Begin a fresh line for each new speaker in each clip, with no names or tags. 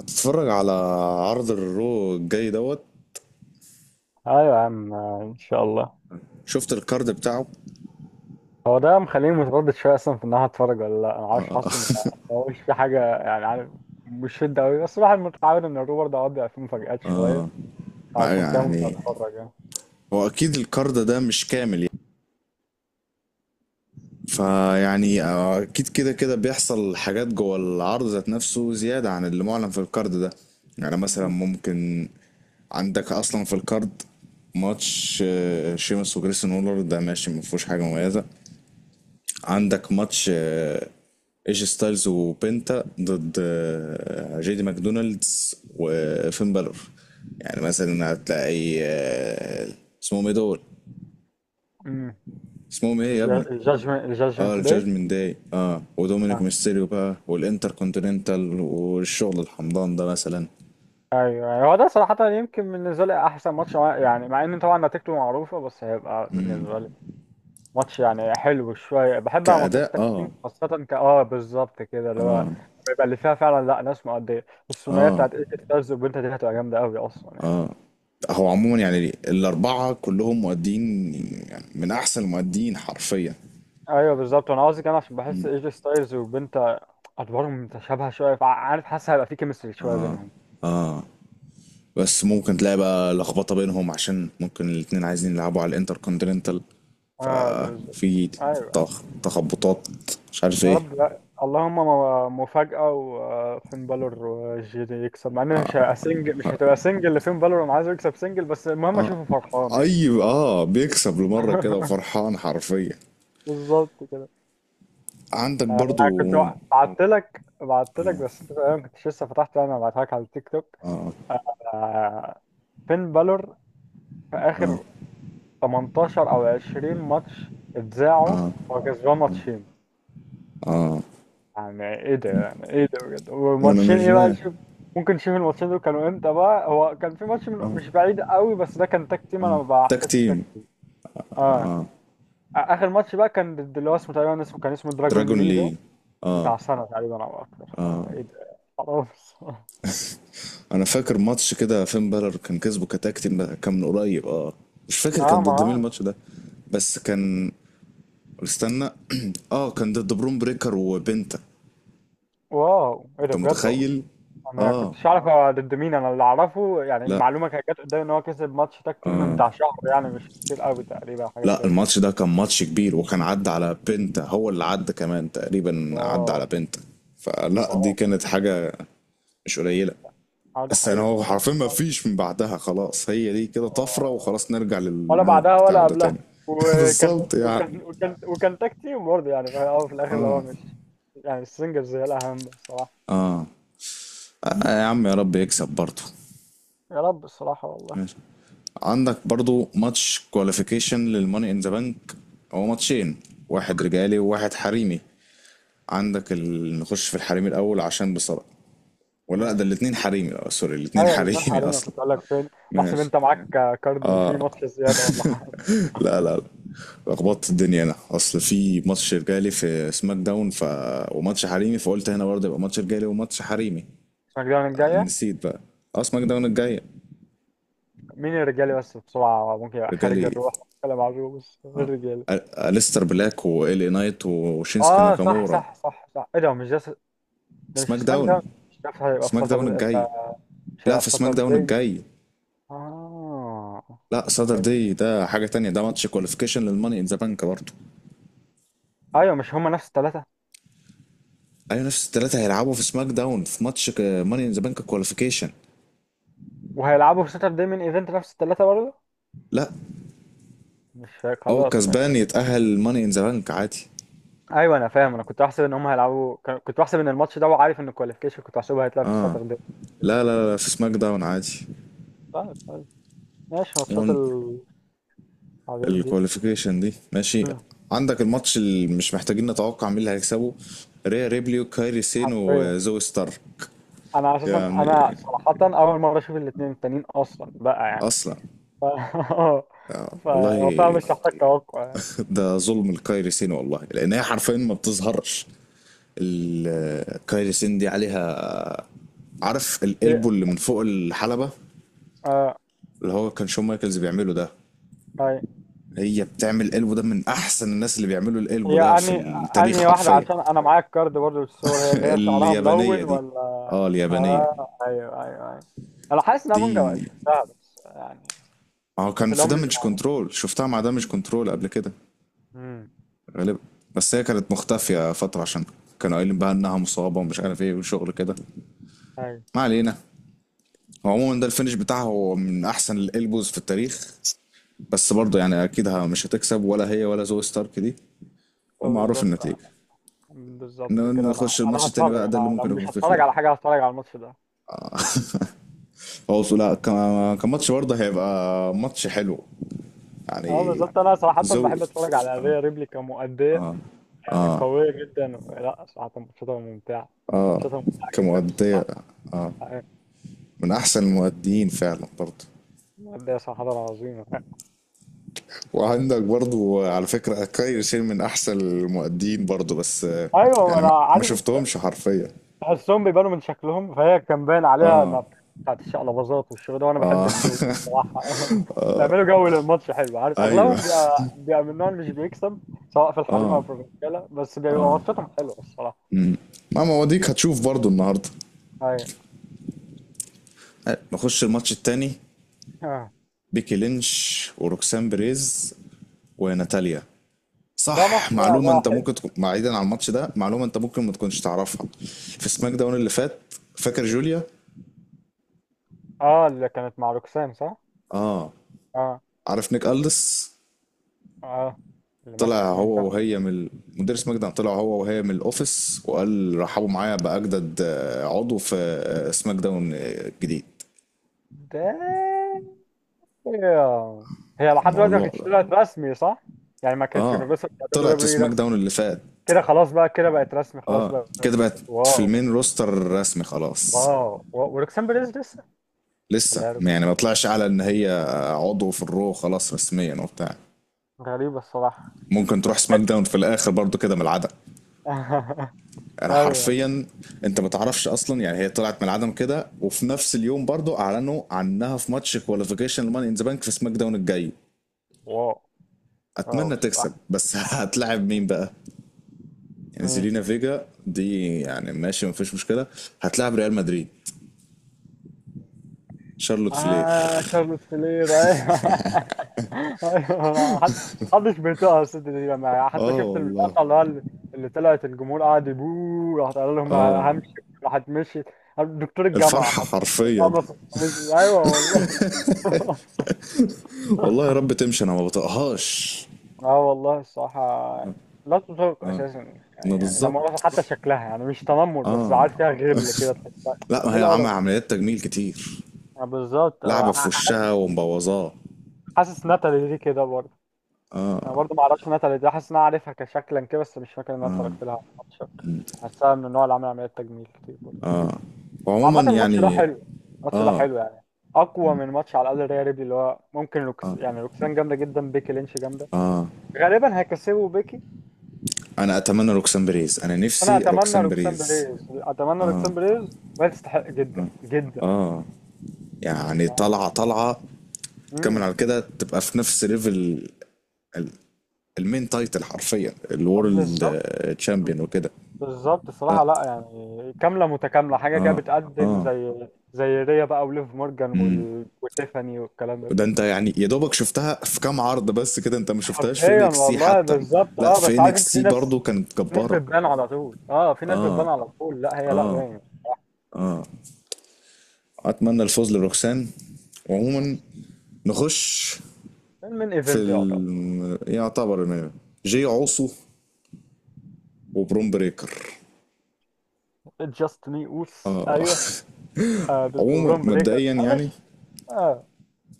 هتتفرج على عرض الرو الجاي دوت.
ايوه يا عم، ان شاء الله.
شفت الكارد بتاعه؟
هو ده مخليني متردد شويه اصلا في ان انا هتفرج ولا لا. انا عارف حاسه هو مش في حاجه، يعني عارف، مش شده قوي، بس الواحد متعود ان الروبر ده اوقات بيبقى فيه مفاجآت شويه،
ما
عشان كده ممكن
يعني
اتفرج يعني.
هو اكيد الكارد ده مش كامل يعني، فيعني اكيد كده كده بيحصل حاجات جوه العرض ذات نفسه زيادة عن اللي معلن في الكارد ده. يعني مثلا ممكن عندك اصلا في الكارد ماتش شيمس وجريسون وولر، ده ماشي، ما فيهوش حاجة مميزة. عندك ماتش ايجي ستايلز وبنتا ضد جيدي ماكدونالدز وفين بالور. يعني مثلا هتلاقي اسمهم ايه دول،
امم
اسمهم ايه يا ابني؟
الجادجمنت،
اه،
الجادجمنت داي.
الجادجمنت داي، اه، ودومينيك
اه
ميستيريو بقى والانتر كونتيننتال والشغل الحمضان ده مثلا.
ايوه، يعني هو ده صراحه يمكن بالنسبه لي احسن ماتش، يعني مع ان طبعا نتيجته معروفه، بس هيبقى بالنسبه لي ماتش يعني حلو شويه. بحب انا ماتشات
كأداء،
التاج
اه،
تيم خاصه ك اه بالظبط كده، اللي هو بيبقى اللي فيها فعلا لا ناس مؤديه. الثنائيه
اه،
بتاعت ايجي ستايلز وبنتا دي هتبقى جامده قوي اصلا يعني.
هو عموما يعني الأربعة كلهم مؤدين، يعني من أحسن المؤدين حرفيا.
ايوه بالظبط، انا قصدي كمان عشان بحس ايجي ستايلز وبنتا ادوارهم متشابهه شويه، فعارف حاسس هيبقى في كيمستري شويه بينهم.
بس ممكن تلاقي بقى لخبطة بينهم عشان ممكن الاتنين عايزين يلعبوا على الانتر كونتيننتال،
اه بالظبط.
ففي
ايوه.
تخبطات، مش عارف
يا
ايه.
رب لا. اللهم مفاجأة وفين بالور وجي دي يكسب. مع انها مش هتبقى سنجل، مش هتبقى سنجل لفين بالور، انا عايزه يكسب سنجل، بس المهم اشوفه فرحان يعني.
اي اه، بيكسب لمرة كده وفرحان حرفيا.
بالظبط كده.
عندك
انا
برضو
كنت بعت لك بس انت تقريباً ما كنتش لسه فتحت، يعني انا بعتها لك على التيك توك.
آه،
آه، فين بالور في اخر 18 او 20 ماتش اتذاعوا، هو كسبان ماتشين. يعني ايه ده، يعني ايه ده بجد؟
وانا
والماتشين
مش
ايه بقى،
ما
شوف. ممكن نشوف الماتشين دول كانوا امتى بقى. هو كان في ماتش من مش بعيد قوي بس ده كان تاك تيم، انا ما
تاك
بحسبش التاك
تيم
تيم. اه اخر ماتش بقى كان ضد اللي هو اسمه تقريبا، اسمه كان اسمه دراجون
دراجون
لي ده،
لي.
بتاع سنه تقريبا او اكتر، فايه ده؟ خلاص.
انا فاكر ماتش كده فين بالر كان كسبه كتاك تيم، ده كان من قريب اه. مش فاكر
اه
كان
ما
ضد مين
آه.
الماتش ده، بس كان، استنى، اه كان ضد برون بريكر وبنتا.
واو ايه ده
انت
بجد والله.
متخيل؟
انا
اه،
كنتش اعرف هو ضد مين، انا اللي اعرفه يعني
لا
المعلومه كانت جت قدامي ان هو كسب ماتش تاك تيم من بتاع شهر، يعني مش كتير قوي، تقريبا حاجه
لا
كده.
الماتش ده كان ماتش كبير، وكان عدى على بنتا، هو اللي عدى، كمان تقريبا عدى
واو.
على بنتا. فلا دي
واو.
كانت حاجة مش قليلة.
اه ده
بس انا
حقيقي
هو
اصلا.
حرفيا ما فيش من بعدها خلاص، هي دي كده طفرة
آه،
وخلاص، نرجع
ولا
للمود
بعدها ولا
بتاعه ده
قبلها.
تاني.
وكان
بالظبط يعني.
وكان وكان وكان تاك تيم برضه يعني في الأول وفي الاخر اللي هو مش يعني، السنجلز هي الاهم بصراحه.
آه يا عم، يا رب يكسب برضه.
يا رب الصراحه والله.
ماشي. عندك برضو ماتش كواليفيكيشن للماني ان ذا بانك، هو ماتشين، واحد رجالي وواحد حريمي. عندك ال... نخش في الحريمي الاول عشان بصراحة، ولا لا، ده
ماشي.
الاتنين حريمي، اه سوري، الاتنين
ايوه الاثنين
حريمي
حاليا.
اصلا.
كنت اقول لك فين بحسب
ماشي.
انت معاك كارد في ماتش زياده ولا حاجه.
لا لا لا، لخبطت الدنيا انا، اصل في ماتش رجالي في سماك داون ف... وماتش حريمي، فقلت هنا برضه يبقى ماتش رجالي وماتش حريمي.
اسمك الجايه.
نسيت بقى. اه سماك داون الجاية.
مين الرجالي بس بسرعة ممكن يبقى
رجالي
خارج
ايه؟
الروح، ولا معروف بس غير
اه،
الرجالي.
أليستر بلاك وال اي نايت وشينسكي
اه صح
ناكامورا.
صح صح صح. ايه ده مش ده ده مش
سماك
سماك
داون،
ده، مش عارف هيبقى في
سماك داون
ساتر
الجاي.
مش
لا
هيبقى في
في
ساتر
سماك داون
داي.
الجاي.
اه
لا
طب
صدر
حلو.
دي ده حاجة تانية، ده ماتش كواليفيكيشن للماني ان ذا بانك برضه.
ايوه، مش هما نفس التلاتة
ايوه نفس الثلاثه هيلعبوا في سماك داون في ماتش ماني ان ذا بانك كواليفيكيشن.
وهيلعبوا في ساتر داي من ايفنت نفس التلاتة برضه؟
لا،
مش فا-
هو
خلاص
الكسبان
ماشي.
يتأهل ماني ان ذا بانك عادي.
ايوه انا فاهم، انا كنت بحسب ان هما هيلعبوا، كنت بحسب ان الماتش ده، وعارف ان الكواليفيكيشن كنت بحسبه هيتلعب في
اه،
الساتر داي.
لا في سماك داون عادي.
طيب طيب ماشي. ماتشات
وان
العظيم دي.
الكواليفيكيشن دي، ماشي.
مم.
عندك الماتش اللي مش محتاجين نتوقع مين اللي هيكسبه، ريا ريبلي وكايري سين
حرفيا.
وزوي ستارك.
انا اساسا، انا
يعني
صراحه اول مره اشوف الاثنين التانيين اصلا بقى يعني.
اصلا،
ف اه
آه.
ف فاهم،
والله.
مش محتاج توقع يعني.
ده ظلم لكايري سين والله، لان هي حرفيا ما بتظهرش. كايري سين دي عليها، عارف القلبو
هي
اللي من فوق الحلبة،
آه
اللي هو كان شون مايكلز بيعمله ده؟
هي
هي بتعمل قلبو ده من احسن الناس اللي بيعملوا القلبو
هي
ده في
انهي
التاريخ
انهي واحده
حرفيا.
عشان انا معايا الكارد برضه بالصور؟ هي اللي هي شعرها
اليابانية
ملون
دي.
ولا؟
اه اليابانية
اه ايوه ايوه ايوه. انا حاسس ان انا ممكن ابقى
دي.
شفتها بس يعني
ما هو
في
كان في
الام
دامج
يعني.
كنترول، شفتها مع دامج كنترول قبل كده
امم
غالبا. بس هي كانت مختفية فترة عشان كانوا قايلين بقى انها مصابة ومش عارف ايه وشغل كده.
ايوه.
ما علينا. هو عموما ده الفينش بتاعها هو من احسن الالبوز في التاريخ. بس برضه يعني اكيد مش هتكسب، ولا هي ولا زوي ستارك دي،
آه،
ومعروف
بالظبط. آه،
النتيجة.
بالظبط
ان
كده. انا
نخش الماتش
انا
التاني
هتفرج.
بقى، ده اللي
انا لو
ممكن يكون
مش
فيه
هتفرج
خلاف.
على حاجه هتفرج على الماتش ده.
هو لا كماتش برضه هيبقى ماتش حلو
اه
يعني.
بالظبط، انا صراحه
زوي
بحب اتفرج على ريا ريبلي كمؤديه يعني، قوية جدا. لا صراحة ماتشاتها ممتعة، ماتشاتها ممتعة جدا
كمؤدية
الصراحة.
من احسن المؤديين فعلا برضه.
مادية صراحة عظيمة.
وعندك برضه على فكرة كاير سير من احسن المؤديين برضه، بس
أيوة ما
يعني
أنا
ما
عارف أنت.
شفتهمش حرفيا.
تحسهم بيبانوا من شكلهم، فهي كان باين عليها إنها بتاعت الشقلباظات والشغل ده، وأنا بحب
اه.
الدول ده الصراحة. بيعملوا جو للماتش حلو، عارف.
ايوه.
أغلبهم بيبقى، بيبقى من النوع اللي مش بيكسب سواء في الحريم أو في الرجالة، بس بيبقى ماتشاتهم حلوة الصراحة.
ما مواضيك هتشوف برضه النهارده.
أيوة.
نخش الماتش التاني،
آه.
بيكي لينش وروكسان بريز وناتاليا.
ده
صح،
ماتش بقى
معلومة
ده
انت
حلو.
ممكن تكون بعيدا عن الماتش ده، معلومة انت ممكن ما تكونش تعرفها. في سماك داون اللي فات، فاكر جوليا؟
أه اللي كانت مع روكسان، صح؟
اه.
أه.
عارف نيك ألدس؟
أه اللي ماسك
طلع هو
سماك
وهي من مدير سماك داون، طلع هو وهي من الاوفيس وقال رحبوا معايا بأجدد عضو في سماك داون الجديد.
دايم. هي لحد دلوقتي ما
الموضوع
كانتش
ده،
طلعت رسمي، صح؟ يعني ما كانتش في
اه
القصه بتاع دبليو
طلعت في
دبليو اي
سماك
رسمي.
داون اللي فات.
كده خلاص بقى، كده بقت رسمي خلاص
اه
بقى.
كده بقت في
واو.
المين روستر رسمي خلاص.
واو، و- وروكسان بيريز لسه،
لسه
ولا هي
يعني ما طلعش على ان هي عضو في الرو خلاص رسميا وبتاع.
غريبه الصراحه.
ممكن تروح سماك
تستحق.
داون في الاخر برضو كده من العدم. انا
ايوه.
حرفيا، انت ما تعرفش اصلا يعني، هي طلعت من العدم كده، وفي نفس اليوم برضو اعلنوا عنها في ماتش كواليفيكيشن الماني ان ذا بانك في سماك داون الجاي.
واو. واو
اتمنى تكسب
الصراحه.
بس. هتلاعب مين بقى؟ يعني زيلينا فيجا دي يعني ماشي ما فيش مشكله، هتلاعب ريال مدريد، شارلوت فلير.
آه شارلوت فلير أيوه. أيوه حد محدش بيطيقها الست دي. أنا حتى
اه
شفت
والله.
المقطع اللي هو اللي اللي طلعت الجمهور قاعد يبوه، راحت قال لهم
اه
همشي، راحت مشيت. دكتور الجامعة
الفرحه
حرفياً.
حرفيا.
اتقمص. مشي، أيوه والله.
والله يا رب تمشي، انا ما بطقهاش.
اه والله الصراحة يعني لا تطاق أساسا.
ما
يعني
بالظبط.
لما أعرف حتى شكلها، يعني مش تنمر بس عارف فيها غل كده تحسها.
لا ما
إيه
هي عمل
القرف ده؟
عمليات تجميل كتير،
آه، بالظبط.
لعبة
آه،
في وشها ومبوظاه.
حاسس ناتالي دي كده برضه. انا برضو ما اعرفش ناتالي دي، حاسس ان انا عارفها كشكلا كده بس مش فاكر ان انا اتفرجت لها على الماتش. حاسسها من النوع اللي عامل عمليات تجميل كتير برضه.
وعموما
عامة الماتش ده
يعني،
حلو، الماتش ده حلو يعني، اقوى من ماتش على الاقل ريال ريبلي. اللي هو ممكن روكس، يعني روكسان جامده جدا، بيكي لينش جامده، غالبا هيكسبوا بيكي.
انا اتمنى روكسان بريز، انا
انا
نفسي
اتمنى
روكسان
روكسان
بريز
بريز، اتمنى روكسان بريز، وهي تستحق جدا جدا.
يعني، طالعة طالعة، تكمل
امم
على كده، تبقى في نفس ليفل ال- المين تايتل حرفيا
طب
الورلد
بالظبط.
تشامبيون وكده.
بالظبط الصراحة، لا يعني كاملة متكاملة حاجة كده، بتقدم زي زي ريا بقى وليف مورجان وال... وتيفاني والكلام ده
ده
كله.
انت يعني يا دوبك شفتها في كام عرض بس كده، انت ما شفتهاش في
حرفيا
انكس سي
والله
حتى.
بالظبط.
لا
اه
في
بس عارف انت،
انكس
في
سي
ناس،
برضه كانت
في ناس
جبارة.
بتبان على طول. اه، في ناس بتبان على طول، لا هي لا باين.
اتمنى الفوز لروكسان. وعموما نخش
من
في
ايفنت يعتبر.
ال... يعتبر المين إيفنت. جي عوصو وبروم بريكر.
جاست مي اوس ايوه. آه ضد
عموما
برون بريكر،
مبدئيا
انا ش...
يعني،
اه.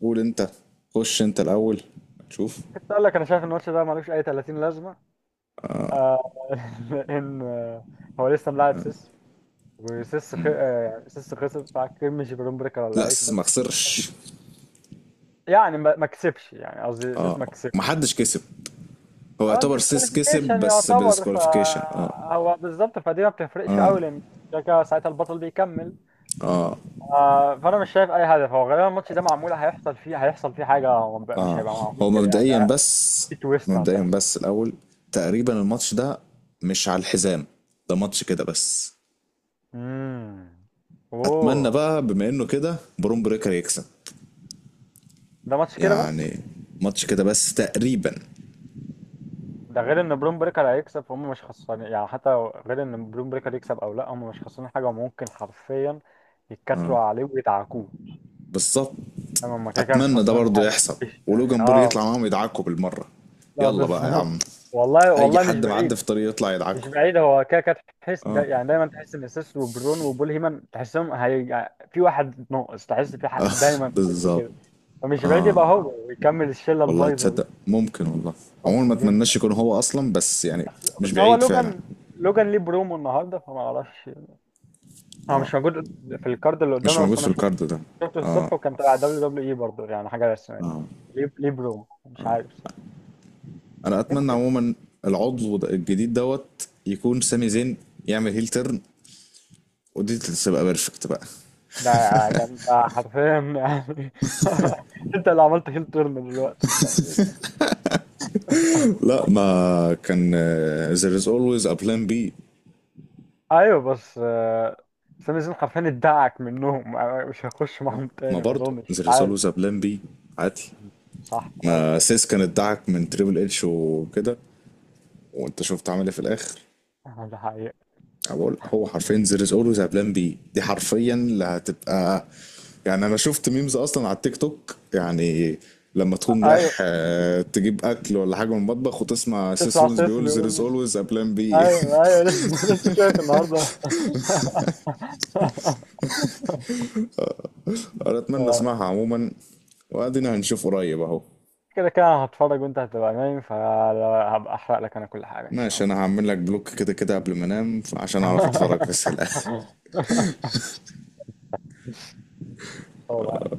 قول انت، خش انت الاول، شوف.
كنت اقول لك، انا شايف ان الماتش ده ملوش اي 30 لازمه. آه. ان آه، هو لسه ملاعب سيس، وسيس خ... آه، سيس خسر فاكر مش برون بريكر ولا
لا سيس
هيكسب.
ما خسرش.
بس يعني ما كسبش، يعني قصدي سيس ما كسبش.
محدش كسب. هو
اه
يعتبر سيس كسب
الديسكواليفيكيشن
بس
يعتبر،
بالديسكواليفيكيشن، اه.
فهو بالظبط فدي ما بتفرقش قوي، لان كده كده ساعتها البطل بيكمل. آه فانا مش شايف اي هدف. هو غالبا الماتش ده معمول، هيحصل فيه حاجه. هو مش
اه
هيبقى معمول
هو
كده يعني،
مبدئيا
ده
بس،
في تويست
مبدئيا
هتحصل.
بس الاول، تقريبا الماتش ده مش على الحزام، ده ماتش كده بس.
امم
اتمنى
اوه.
بقى بما انه كده بروم بريكر يكسب
ده ماتش كده بس.
يعني، ماتش كده بس تقريبا.
ده غير ان بروم بريكر هيكسب، فهم مش خسرانين يعني حتى. غير ان بروم بريكر يكسب او لا، هم مش خسرانين حاجه، وممكن حرفيا يتكتروا عليه ويدعكوه.
بالظبط.
تمام، هم كده كده مش
اتمنى ده
خسرانين
برضه
حاجه،
يحصل،
مفيش يعني
ولوجان بول يطلع
اه.
معاهم يدعكوا بالمره.
لا
يلا بقى يا عم،
بالظبط. والله
اي
والله مش
حد معدي
بعيد.
في طريق يطلع
مش
يدعكوا.
بعيد. هو كده كده تحس دا، يعني دايما تحس ان اساس وبرون وبول هيمن، تحسهم هي في واحد ناقص، تحس في حق
آه،
دايما
بالظبط.
كده. فمش بعيد يبقى هو ويكمل الشله
والله
البايظه دي.
تصدق ممكن والله. عموما ما
ممكن
اتمناش
جدا.
يكون هو اصلا بس يعني،
بس
مش
بس هو
بعيد فعلا.
لوجان، لوجان ليه برومو النهارده فما اعرفش. هو مش موجود في الكارد اللي
مش
قدامنا،
موجود
بس
في
انا شفته،
الكارد ده.
شفته الصبح وكان تبع دبليو دبليو اي برضه، يعني حاجه رسميه.
اه
ليه، ليه مش عارف.
انا اتمنى
يمكن.
عموما الجديد دوت يكون سامي زين، يعمل هيل تيرن، ودي تبقى بيرفكت بقى.
ده يعني، ده انت حرفيا يعني انت اللي عملت هيل تيرن دلوقتي.
لا ما كان، there is always a plan B.
ايوه بس آه، سامي زين حرفيا ادعك منهم آه، مش هيخش
آه،
معاهم تاني
ما
ما
برضه
اظنش، مش
there is
عارف.
always a plan B عادي.
صح غلط.
سيس كان ادعك من تريبل اتش وكده، وانت شفت عمل ايه في الاخر.
آه، ده حقيقة.
أنا بقول هو حرفيا there is always a plan B، دي حرفيا اللي هتبقى. يعني انا شفت ميمز اصلا على التيك توك، يعني لما تكون
ايوه.
رايح تجيب اكل ولا حاجه من المطبخ وتسمع سيس
تسمع
رولينز
سيس
بيقول there is
بيقول
always a plan B.
ايوه ايوه، لسه شايف النهارده.
انا اتمنى اسمعها عموما، وادينا هنشوف قريب اهو.
كده كده أنا هتفرج وانت هتبقى نايم، فهبقى احرق لك انا كل حاجة ان شاء
ماشي، انا
الله.
هعمل لك بلوك كده كده قبل ما انام عشان اعرف اتفرج بس الان.
إن شاء الله.